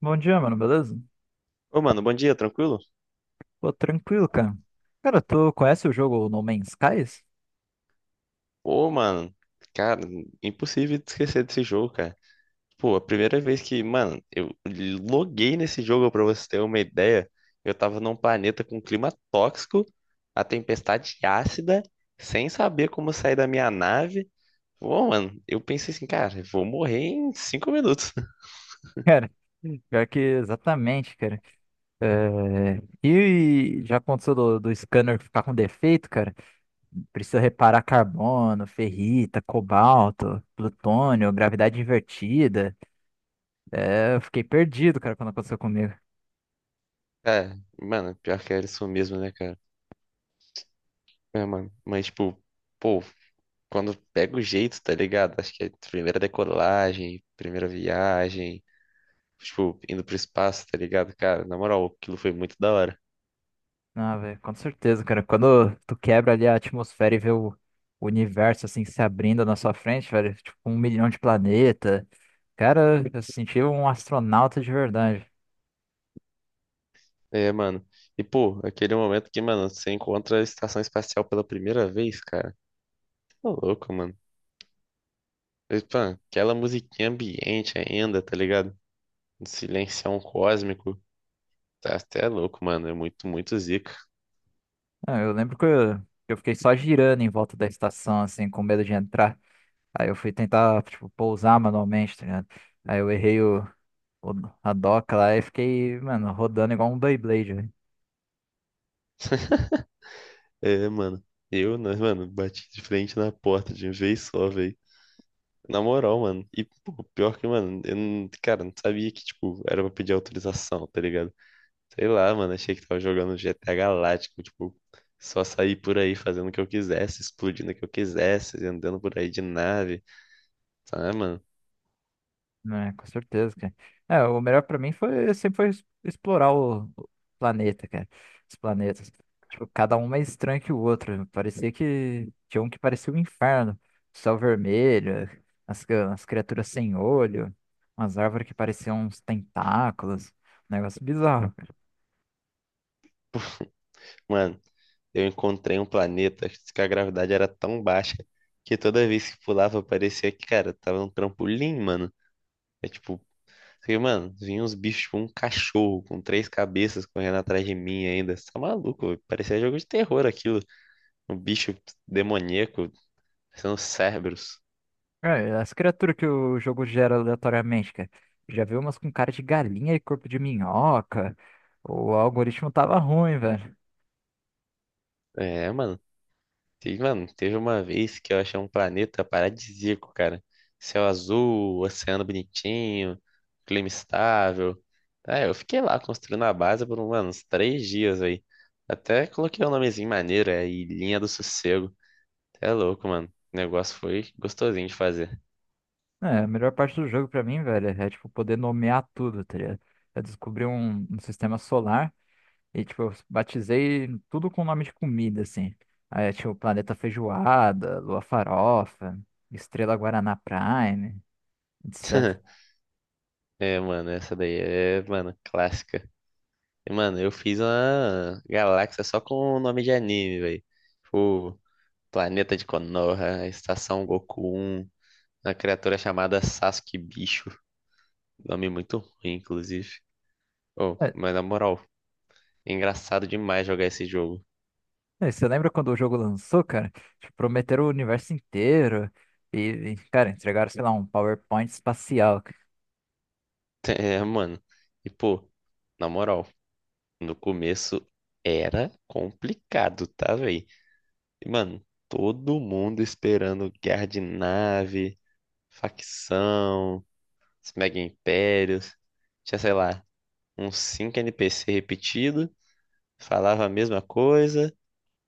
Bom dia, mano, beleza? Ô, mano, bom dia, tranquilo? Pô, tranquilo, cara. Cara, tu conhece o jogo No Man's Skies? Ô, mano, cara, impossível de esquecer desse jogo, cara. Pô, a primeira vez que, mano, eu loguei nesse jogo, pra você ter uma ideia, eu tava num planeta com clima tóxico, a tempestade ácida, sem saber como sair da minha nave. Ô, mano, eu pensei assim, cara, eu vou morrer em 5 minutos. Cara, pior que exatamente, cara. É, e já aconteceu do scanner ficar com defeito, cara? Precisa reparar carbono, ferrita, cobalto, plutônio, gravidade invertida. É, eu fiquei perdido, cara, quando aconteceu comigo. É, mano, pior que era isso mesmo, né, cara? É, mano, mas tipo, pô, quando pega o jeito, tá ligado? Acho que é primeira decolagem, primeira viagem, tipo, indo pro espaço, tá ligado? Cara, na moral, aquilo foi muito da hora. Ah, velho, com certeza, cara. Quando tu quebra ali a atmosfera e vê o universo assim se abrindo na sua frente, velho, tipo um milhão de planeta. Cara, eu senti um astronauta de verdade. É, mano. E, pô, aquele momento que, mano, você encontra a estação espacial pela primeira vez, cara. Tá louco, mano. E, pô, aquela musiquinha ambiente ainda, tá ligado? Um silencião cósmico. Tá até louco, mano. É muito, muito zica. Ah, eu lembro que eu fiquei só girando em volta da estação, assim, com medo de entrar. Aí eu fui tentar, tipo, pousar manualmente, tá ligado? Aí eu errei o- a doca lá e fiquei, mano, rodando igual um Beyblade. É, mano. Eu, né, mano, bati de frente na porta de vez só, velho. Na moral, mano. E, pô, pior que, mano, eu não, cara, não sabia que, tipo, era pra pedir autorização, tá ligado? Sei lá, mano, achei que tava jogando GTA Galáctico, tipo, só sair por aí fazendo o que eu quisesse, explodindo o que eu quisesse, andando por aí de nave, sabe, mano? Né? Com certeza, cara. É, o melhor pra mim foi sempre foi explorar o planeta, cara. Os planetas. Tipo, cada um mais estranho que o outro. Parecia que tinha um que parecia um inferno. Céu vermelho, as criaturas sem olho, umas árvores que pareciam uns tentáculos. Um negócio bizarro, cara. Mano, eu encontrei um planeta que a gravidade era tão baixa que toda vez que pulava parecia que, cara, tava num trampolim, mano. É tipo, porque, mano, vinha uns bichos, tipo um cachorro com 3 cabeças correndo atrás de mim ainda. Você tá maluco, velho? Parecia jogo de terror aquilo. Um bicho demoníaco, parecendo Cerberus. É, as criaturas que o jogo gera aleatoriamente, cara. Já vi umas com cara de galinha e corpo de minhoca. O algoritmo tava ruim, velho. É, mano. Teve uma vez que eu achei um planeta paradisíaco, cara. Céu azul, oceano bonitinho, clima estável. É, eu fiquei lá construindo a base por, mano, uns 3 dias aí. Até coloquei um nomezinho maneiro, é Ilhinha do Sossego. É louco, mano. O negócio foi gostosinho de fazer. É, a melhor parte do jogo pra mim, velho, é tipo poder nomear tudo, tá ligado? Eu descobri um sistema solar e tipo, eu batizei tudo com nome de comida, assim. Aí tinha o planeta feijoada, lua farofa, estrela Guaraná Prime, etc. É, mano, essa daí é, mano, clássica. E, mano, eu fiz uma galáxia só com o nome de anime, velho. Tipo, Planeta de Konoha, Estação Goku 1, uma criatura chamada Sasuke Bicho. Nome muito ruim, inclusive. Oh, É, mas na moral, é engraçado demais jogar esse jogo. Você lembra quando o jogo lançou, cara? Tipo, prometeram o universo inteiro e, cara, entregaram, sei lá, um PowerPoint espacial. É, mano. E, pô, na moral, no começo era complicado, tá, velho? Mano, todo mundo esperando guerra de nave, facção, os mega impérios. Tinha, sei lá, uns 5 NPC repetidos, falava a mesma coisa,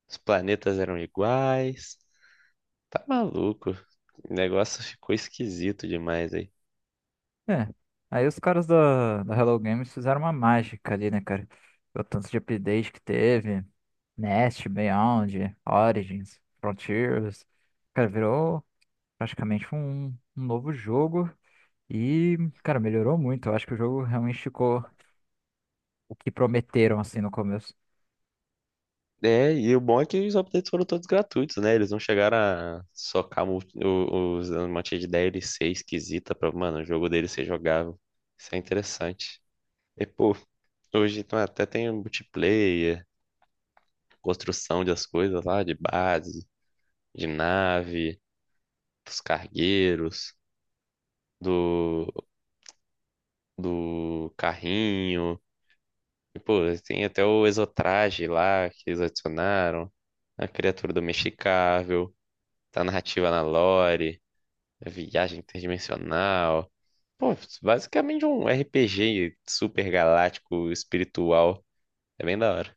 os planetas eram iguais. Tá maluco. O negócio ficou esquisito demais aí. É. Aí os caras da Hello Games fizeram uma mágica ali, né, cara? O tanto de update que teve. Nest, Beyond, Origins, Frontiers. Cara, virou praticamente um novo jogo. E, cara, melhorou muito. Eu acho que o jogo realmente ficou o que prometeram, assim, no começo. É, e o bom é que os updates foram todos gratuitos, né? Eles não chegaram a socar os um monte de DLC esquisita pra, mano, o jogo deles ser jogável. Isso é interessante. E, pô, hoje então, até tem um multiplayer, construção das coisas lá, de base, de nave, dos cargueiros, do, do carrinho. E, pô, tem até o exotraje lá que eles adicionaram, a criatura domesticável, a narrativa na lore, a viagem interdimensional. Pô, basicamente um RPG super galáctico espiritual. É bem da hora.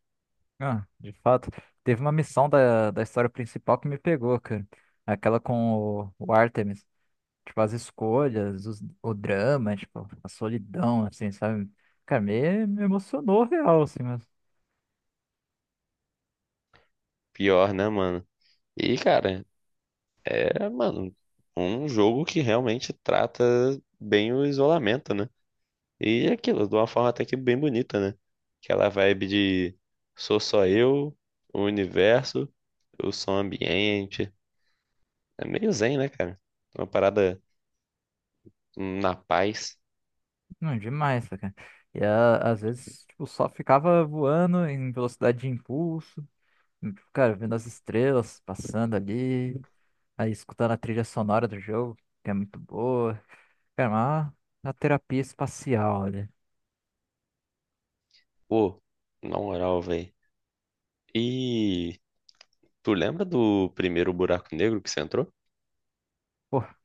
Ah, de fato. Teve uma missão da história principal que me pegou, cara. Aquela com o Artemis. Tipo, as escolhas, o drama, tipo, a solidão, assim, sabe? Cara, me emocionou real, assim, mas Pior, né, mano? E, cara, é, mano, um jogo que realmente trata bem o isolamento, né? E é aquilo, de uma forma até que bem bonita, né? Aquela vibe de sou só eu, o universo, o som ambiente. É meio zen, né, cara? Uma parada na paz. não demais, tá, cara. E às vezes, tipo, só ficava voando em velocidade de impulso, e, tipo, cara, vendo as estrelas passando ali, aí escutando a trilha sonora do jogo, que é muito boa. Cara, uma terapia espacial, olha. Pô, na moral, velho. E tu lembra do primeiro buraco negro que você entrou? Pô,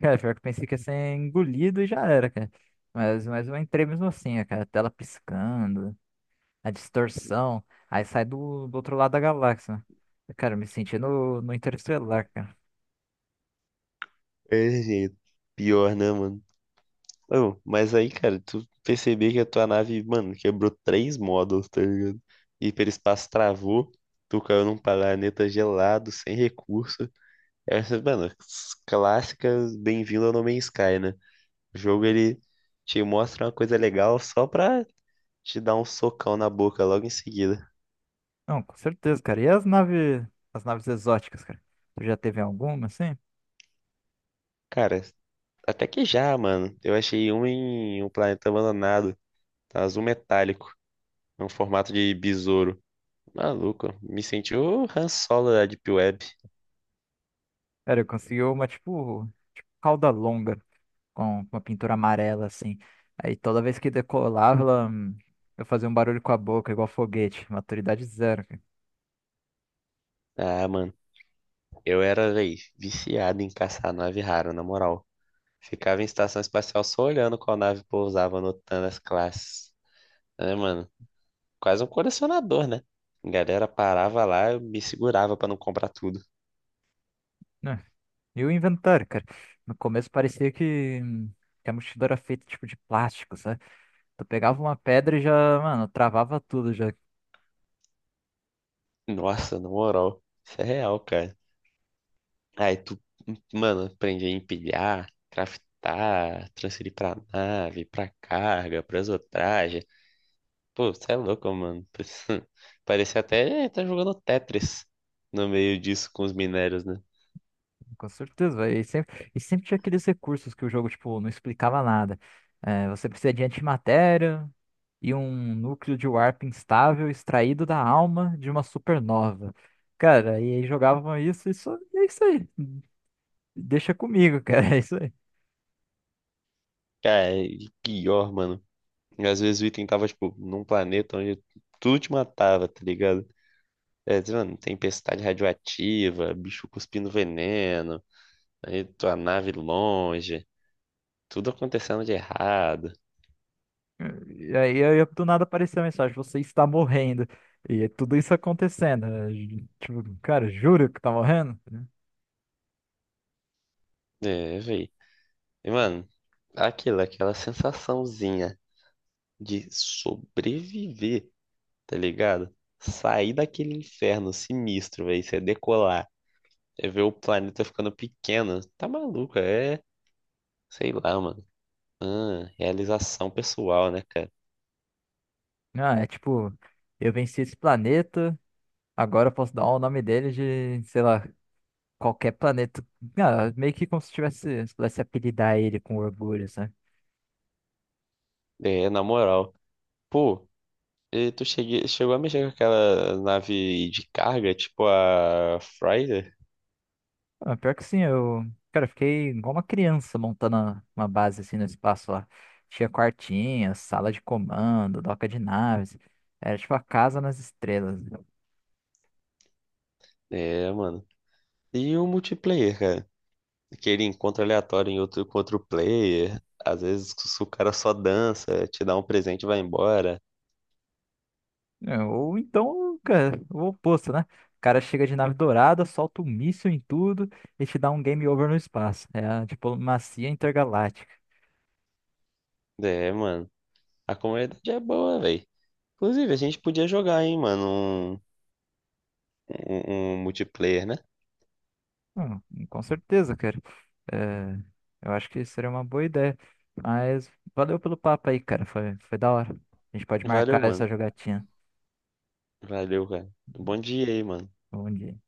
cara, pior que eu pensei que ia ser engolido e já era, cara. Mas eu entrei mesmo assim, cara, a tela piscando, a distorção. Aí sai do outro lado da galáxia. Cara, eu me senti no Interestelar, cara. É, gente, pior, né, mano? Ô, mas aí, cara, tu perceber que a tua nave, mano, quebrou 3 módulos, tá ligado? Hiperespaço travou, tu caiu num planeta gelado, sem recurso. Essas, mano, clássicas Bem-vindo ao No Man's Sky, né? O jogo, ele te mostra uma coisa legal só pra te dar um socão na boca logo em seguida. Não, com certeza, cara. E as naves exóticas, cara? Tu já teve alguma, assim? Cara, até que já, mano. Eu achei um em um planeta abandonado, tá? Azul metálico, é um formato de besouro. Maluco, me senti o Han Solo da Deep Web. Cara, eu consegui uma, tipo, tipo cauda longa, com uma pintura amarela, assim. Aí toda vez que decolava, ela, eu fazia um barulho com a boca, igual foguete. Maturidade zero, cara. Ah, mano, eu era, véi, viciado em caçar nave rara, na moral. Ficava em estação espacial só olhando qual nave pousava, anotando as classes. É, mano, quase um colecionador, né? A galera parava lá, eu me segurava pra não comprar tudo. Né? E o inventário, cara? No começo parecia que que a mochila era feita, tipo, de plástico, sabe? Tu pegava uma pedra e já, mano, travava tudo já, Nossa, na moral, isso é real, cara. Aí tu, mano, aprendi a empilhar, craftar, transferir pra nave, pra carga, pra pô, você é louco, mano. Parecia até tá jogando Tetris no meio disso com os minérios, né? com certeza, velho. E sempre tinha aqueles recursos que o jogo, tipo, não explicava nada. É, você precisa de antimatéria e um núcleo de warp instável extraído da alma de uma supernova. Cara, e aí jogavam e é isso aí. Deixa comigo, cara, é isso aí. Cara, e pior, mano. E às vezes o item tava, tipo, num planeta onde tudo te matava, tá ligado? É, diz, mano, tempestade radioativa, bicho cuspindo veneno, aí tua nave longe, tudo acontecendo de errado. E aí, do nada apareceu a mensagem, você está morrendo. E tudo isso acontecendo, né? Tipo, cara, juro que tá morrendo? É, véi. E, mano, aquela sensaçãozinha de sobreviver, tá ligado? Sair daquele inferno sinistro, velho, você decolar, é ver o planeta ficando pequeno, tá maluco, é, sei lá, mano, ah, realização pessoal, né, cara? Ah, é tipo, eu venci esse planeta, agora eu posso dar o nome dele de, sei lá, qualquer planeta. Ah, meio que como se tivesse, se pudesse apelidar ele com orgulho, sabe? É, na moral, pô, e tu chegou a mexer com aquela nave de carga, tipo a Friday? Ah, pior que sim, eu, cara, eu fiquei igual uma criança montando uma base assim no espaço lá. Tinha quartinhas, sala de comando, doca de naves. Era tipo a casa nas estrelas. É, mano. E o multiplayer, cara? Aquele encontro aleatório em outro, com outro player. Às vezes se o cara só dança, te dá um presente e vai embora. É, ou então, cara, o oposto, né? O cara chega de nave dourada, solta um míssil em tudo e te dá um game over no espaço. É a diplomacia intergaláctica. É, mano. A comunidade é boa, velho. Inclusive, a gente podia jogar, hein, mano, um multiplayer, né? Com certeza, cara. É, eu acho que seria uma boa ideia. Mas valeu pelo papo aí, cara. Foi da hora. A gente pode Valeu, marcar essa mano. jogatina. Valeu, cara. Bom dia aí, mano. Bom dia.